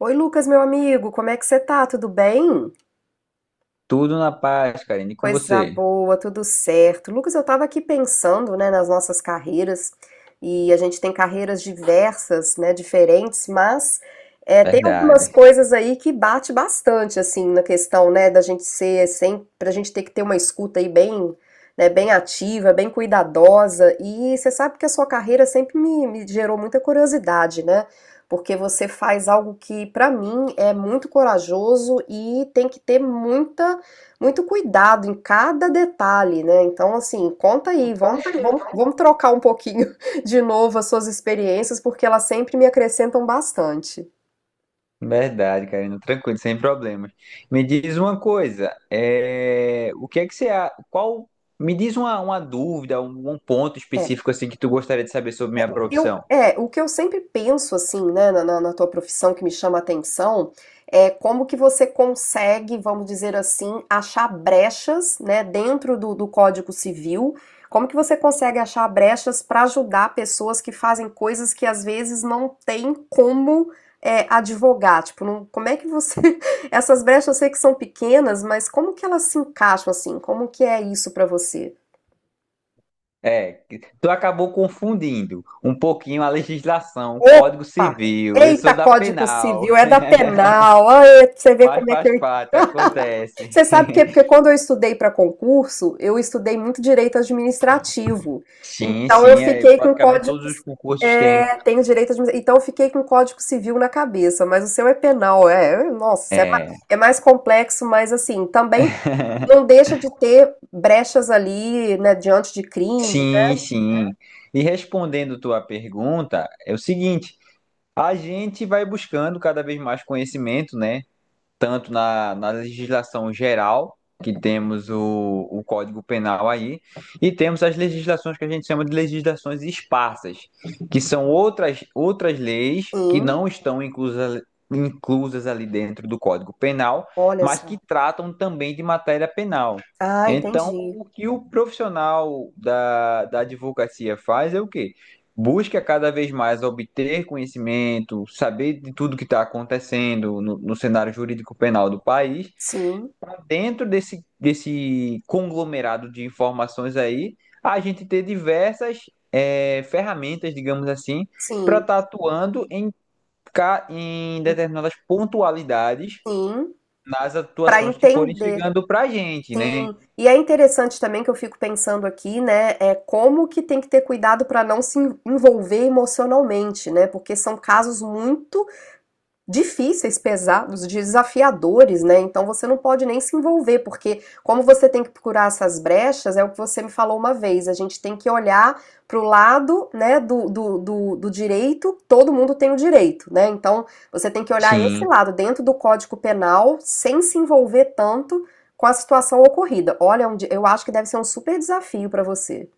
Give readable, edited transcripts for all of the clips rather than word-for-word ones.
Oi, Lucas, meu amigo, como é que você tá? Tudo bem? Tudo na paz, Karina, e com Coisa você? boa, tudo certo. Lucas, eu estava aqui pensando, né, nas nossas carreiras, e a gente tem carreiras diversas, né, diferentes, mas tem algumas Verdade, coisas aí que bate bastante, assim, na questão, né, da gente ser sempre, pra gente ter que ter uma escuta aí bem, né, bem ativa, bem cuidadosa, e você sabe que a sua carreira sempre me gerou muita curiosidade, né, porque você faz algo que, pra mim, é muito corajoso e tem que ter muita muito cuidado em cada detalhe, né, então assim, conta aí, vamos trocar um pouquinho de novo as suas experiências, porque elas sempre me acrescentam bastante. verdade, Karina, tranquilo, sem problemas. Me diz uma coisa, o que é que me diz uma dúvida, um ponto É. específico assim que tu gostaria de saber sobre minha profissão. O que eu sempre penso, assim, né, na tua profissão que me chama a atenção, é como que você consegue, vamos dizer assim, achar brechas, né, dentro do Código Civil, como que você consegue achar brechas para ajudar pessoas que fazem coisas que às vezes não tem como advogar, tipo, como é que você, essas brechas eu sei que são pequenas, mas como que elas se encaixam, assim, como que é isso para você? É que tu acabou confundindo um pouquinho a legislação, o Código Opa! Civil, eu sou Eita, da Código penal, Civil, é da penal. Ai, você vê mas como é que faz eu. parte, acontece. Você sabe por quê? Porque quando eu estudei para concurso, eu estudei muito direito administrativo. Sim, Então eu sim, é, fiquei com praticamente código. todos os concursos têm. É, tenho direito administrativo. Então eu fiquei com código civil na cabeça, mas o seu é penal, Nossa, É. é mais complexo, mas assim, também não deixa de ter brechas ali, né, diante de crime. Sim. E respondendo tua pergunta, é o seguinte: a gente vai buscando cada vez mais conhecimento, né? Tanto na legislação geral, que temos o Código Penal aí, e temos as legislações que a gente chama de legislações esparsas, que são outras leis que Sim, não estão inclusas, inclusas ali dentro do Código Penal, olha mas que só. tratam também de matéria penal. Ah, Então, entendi. o que o profissional da advocacia faz é o quê? Busca cada vez mais obter conhecimento, saber de tudo que está acontecendo no cenário jurídico penal do país, Sim, para dentro desse conglomerado de informações aí, a gente ter diversas ferramentas, digamos assim, para sim, estar tá atuando em determinadas pontualidades sim. nas Para atuações que forem entender, chegando para a gente, né? sim. E é interessante também que eu fico pensando aqui, né, é como que tem que ter cuidado para não se envolver emocionalmente, né? Porque são casos muito difíceis, pesados, desafiadores, né? Então você não pode nem se envolver, porque como você tem que procurar essas brechas, é o que você me falou uma vez, a gente tem que olhar pro lado né, do direito, todo mundo tem o direito, né? Então você tem que olhar esse Sim. lado dentro do Código Penal, sem se envolver tanto com a situação ocorrida. Olha, é um eu acho que deve ser um super desafio para você.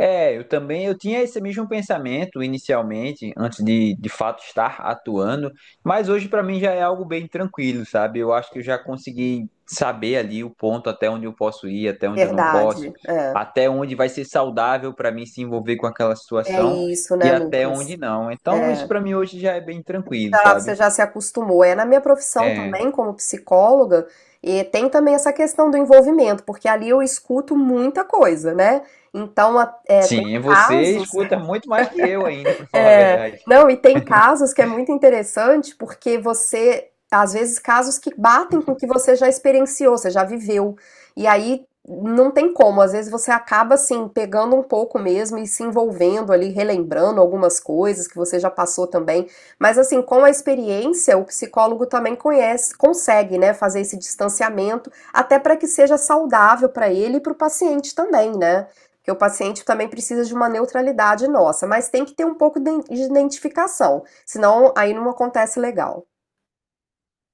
É, eu também, eu tinha esse mesmo pensamento inicialmente, antes de fato estar atuando, mas hoje para mim já é algo bem tranquilo, sabe? Eu acho que eu já consegui saber ali o ponto até onde eu posso ir, até onde eu não Verdade. posso, É, até onde vai ser saudável para mim se envolver com aquela é situação isso, e né, até Lucas? onde não. Então isso É. para mim hoje já é bem tranquilo, Já, você sabe? já se acostumou. É na minha profissão É. também, como psicóloga, e tem também essa questão do envolvimento, porque ali eu escuto muita coisa, né? Então, tem Sim, você casos escuta muito mais que eu ainda, para falar a é, verdade. não, e tem casos que é muito interessante porque você, às vezes, casos que batem com o que você já experienciou, você já viveu. E aí não tem como, às vezes você acaba assim pegando um pouco mesmo e se envolvendo ali, relembrando algumas coisas que você já passou também. Mas assim, com a experiência, o psicólogo também conhece, consegue, né, fazer esse distanciamento, até para que seja saudável para ele e para o paciente também, né? Porque o paciente também precisa de uma neutralidade nossa, mas tem que ter um pouco de identificação, senão aí não acontece legal.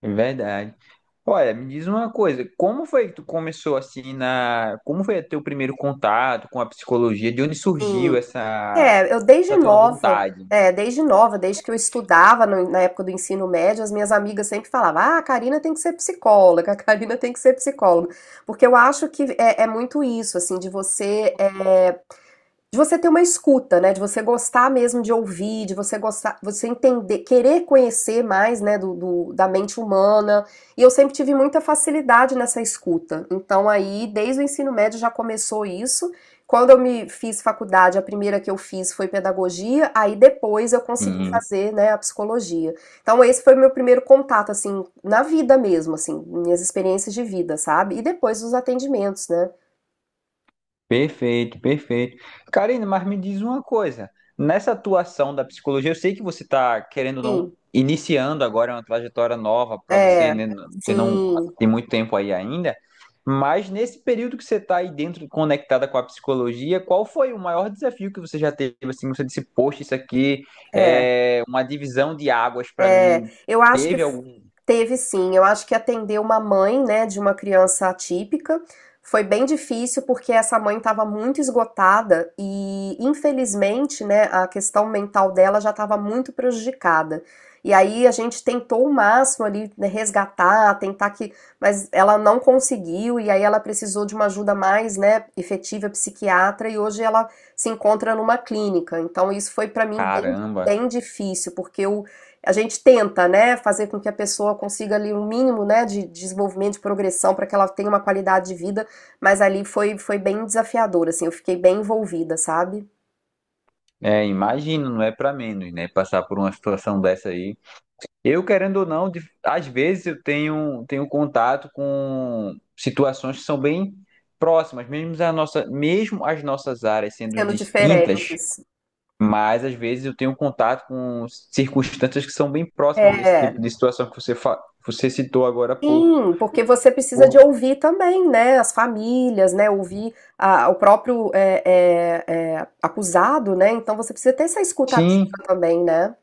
É verdade. Olha, me diz uma coisa, como foi que tu começou como foi teu primeiro contato com a psicologia? De onde surgiu Sim. Eu desde essa tua nova, vontade? Desde nova, desde que eu estudava na época do ensino médio, as minhas amigas sempre falavam: ah, a Karina tem que ser psicóloga, a Karina tem que ser psicóloga. Porque eu acho que é muito isso, assim, de você. De você ter uma escuta, né, de você gostar mesmo de ouvir, de você gostar, você entender, querer conhecer mais, né, da mente humana. E eu sempre tive muita facilidade nessa escuta. Então aí, desde o ensino médio já começou isso. Quando eu me fiz faculdade, a primeira que eu fiz foi pedagogia, aí depois eu consegui fazer, né, a psicologia. Então esse foi o meu primeiro contato assim, na vida mesmo, assim, minhas experiências de vida, sabe? E depois os atendimentos, né? Perfeito, perfeito. Karina, mas me diz uma coisa. Nessa atuação da psicologia, eu sei que você está querendo ou não Sim, iniciando agora uma trajetória nova para você, é, né? Você não sim, tem muito tempo aí ainda, mas nesse período que você está aí dentro, conectada com a psicologia, qual foi o maior desafio que você já teve? Assim, você disse, poxa, isso aqui é. é uma divisão de águas para É, mim. eu acho que Teve algum? teve sim. Eu acho que atender uma mãe, né, de uma criança atípica foi bem difícil porque essa mãe estava muito esgotada e, infelizmente, né, a questão mental dela já estava muito prejudicada. E aí a gente tentou o máximo ali né, resgatar, tentar que, mas ela não conseguiu e aí ela precisou de uma ajuda mais, né, efetiva psiquiatra e hoje ela se encontra numa clínica. Então isso foi para mim bem, Caramba, bem difícil porque eu a gente tenta, né, fazer com que a pessoa consiga ali um mínimo, né, de desenvolvimento, de progressão, para que ela tenha uma qualidade de vida, mas ali foi bem desafiador, assim, eu fiquei bem envolvida, sabe? é, imagino, não é para menos, né? Passar por uma situação dessa aí. Eu, querendo ou não, às vezes eu tenho contato com situações que são bem próximas, mesmo, a nossa, mesmo as nossas áreas sendo Sendo distintas, diferentes. mas às vezes eu tenho contato com circunstâncias que são bem próximas desse É, tipo de situação que você citou agora há pouco. sim, porque você precisa de Por- ouvir também, né, as famílias, né, ouvir a- o próprio é, é, é, acusado, né, então você precisa ter essa escutativa Sim, também, né?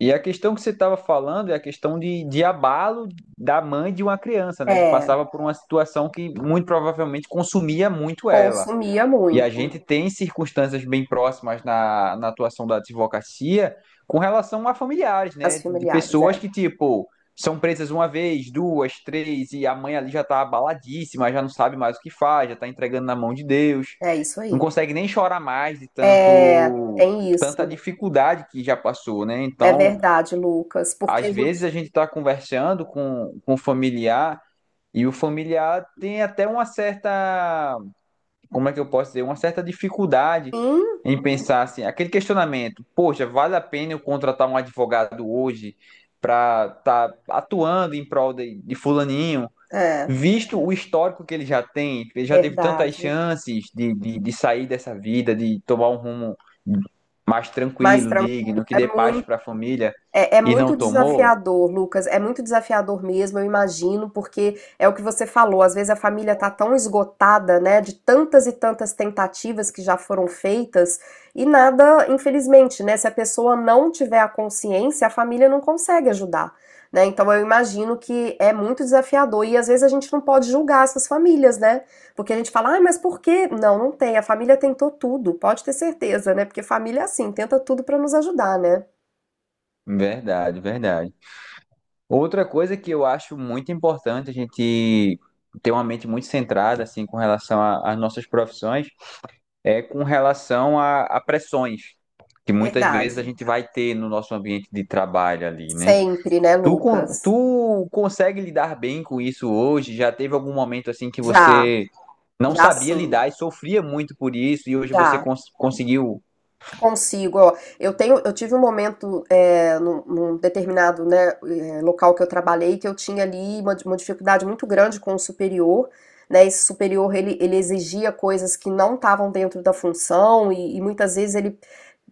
e a questão que você estava falando é a questão de abalo da mãe de uma criança, né, que É, passava por uma situação que muito provavelmente consumia muito ela. consumia E a muito gente tem circunstâncias bem próximas na atuação da advocacia com relação a familiares, né? as De familiares, pessoas é, que, tipo, são presas uma vez, duas, três, e a mãe ali já tá abaladíssima, já não sabe mais o que faz, já tá entregando na mão de Deus, é isso não aí. consegue nem chorar mais de É, tanto tem tanta isso. dificuldade que já passou, né? É Então, verdade, Lucas, porque a às gente vezes a gente tá conversando com o familiar e o familiar tem até uma certa como é que eu posso dizer, uma certa dificuldade sim, em pensar assim, aquele questionamento, poxa, vale a pena eu contratar um advogado hoje para estar tá atuando em prol de fulaninho, é visto o histórico que ele já tem, ele já teve tantas verdade, chances de sair dessa vida, de tomar um rumo mais mais tranquilo, tranquilo, digno, que é dê paz muito para a família é, é e muito não tomou? desafiador, Lucas. É muito desafiador mesmo, eu imagino, porque é o que você falou. Às vezes a família tá tão esgotada, né, de tantas e tantas tentativas que já foram feitas e nada, infelizmente, né, se a pessoa não tiver a consciência, a família não consegue ajudar, né? Então eu imagino que é muito desafiador e às vezes a gente não pode julgar essas famílias, né? Porque a gente fala, ah, mas por quê? Não, não tem. A família tentou tudo, pode ter certeza, né? Porque família é assim, tenta tudo para nos ajudar, né? Verdade, verdade. Outra coisa que eu acho muito importante a gente ter uma mente muito centrada, assim, com relação às nossas profissões, é com relação a pressões que muitas vezes a Verdade. gente vai ter no nosso ambiente de trabalho ali, né? Sempre, né, Lucas? Tu consegue lidar bem com isso hoje? Já teve algum momento, assim, que Já, você não já sabia sim, lidar e sofria muito por isso e hoje você já. Conseguiu? Consigo, ó. Eu tive um momento num determinado, né, local que eu trabalhei que eu tinha ali uma dificuldade muito grande com o superior, né? Esse superior ele exigia coisas que não estavam dentro da função e muitas vezes ele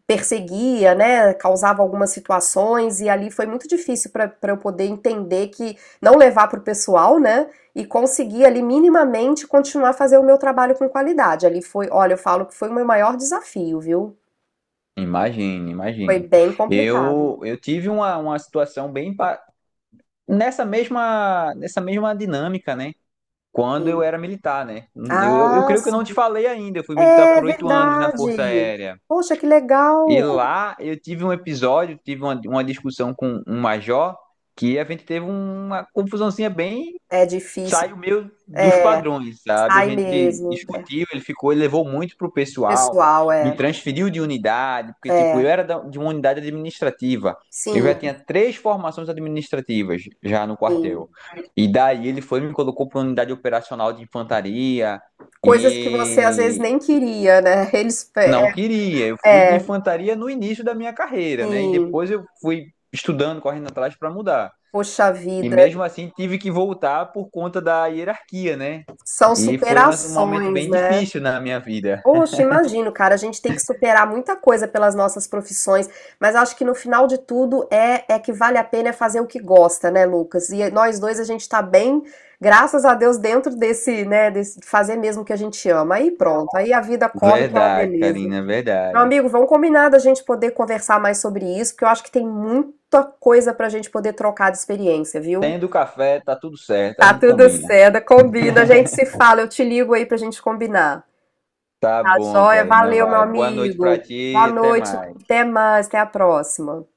perseguia, né, causava algumas situações e ali foi muito difícil para eu poder entender que não levar para o pessoal, né, e conseguir ali minimamente continuar a fazer o meu trabalho com qualidade. Ali foi, olha, eu falo que foi o meu maior desafio, viu? Imagine, Foi imagine. bem complicado. Eu tive uma situação nessa mesma dinâmica, né? Quando eu Sim. era militar, né? Eu Ah, creio que eu não sim. te falei ainda. Eu fui militar É por 8 anos na Força verdade. Aérea. Poxa, que E legal. lá eu tive um episódio, tive uma discussão com um major, que a gente teve uma confusãozinha bem É difícil. saiu meio dos É, padrões, sabe? A sai gente mesmo. discutiu, ele levou muito pro pessoal, Pessoal, me é. transferiu de unidade, porque, tipo, É. eu era de uma unidade administrativa. Eu já tinha Sim, três formações administrativas já no sim. quartel. E daí ele foi e me colocou para unidade operacional de infantaria Coisas que você às vezes e nem queria, né? Eles, não queria. Eu fui de é, é, infantaria no início da minha carreira, né? E sim, depois eu fui estudando, correndo atrás para mudar. poxa E vida, mesmo assim tive que voltar por conta da hierarquia, né? são E foi um momento superações, bem né? difícil na minha vida. Poxa, imagino, cara, a gente tem que superar muita coisa pelas nossas profissões, mas acho que no final de tudo é que vale a pena é fazer o que gosta, né, Lucas? E nós dois a gente tá bem, graças a Deus, dentro desse, né, desse fazer mesmo o que a gente ama. Aí pronto, aí a vida corre que é uma Verdade, beleza. Karina, Meu verdade. amigo, vamos combinar da gente poder conversar mais sobre isso, porque eu acho que tem muita coisa pra gente poder trocar de experiência, viu? Tendo café, tá tudo certo, a Tá gente tudo combina. certo, combina, a gente se fala, eu te ligo aí pra gente combinar. Tá Tá bom, joia? Karina, Valeu, meu vai. Boa noite pra amigo. Boa ti, até noite, mais. até mais, até a próxima.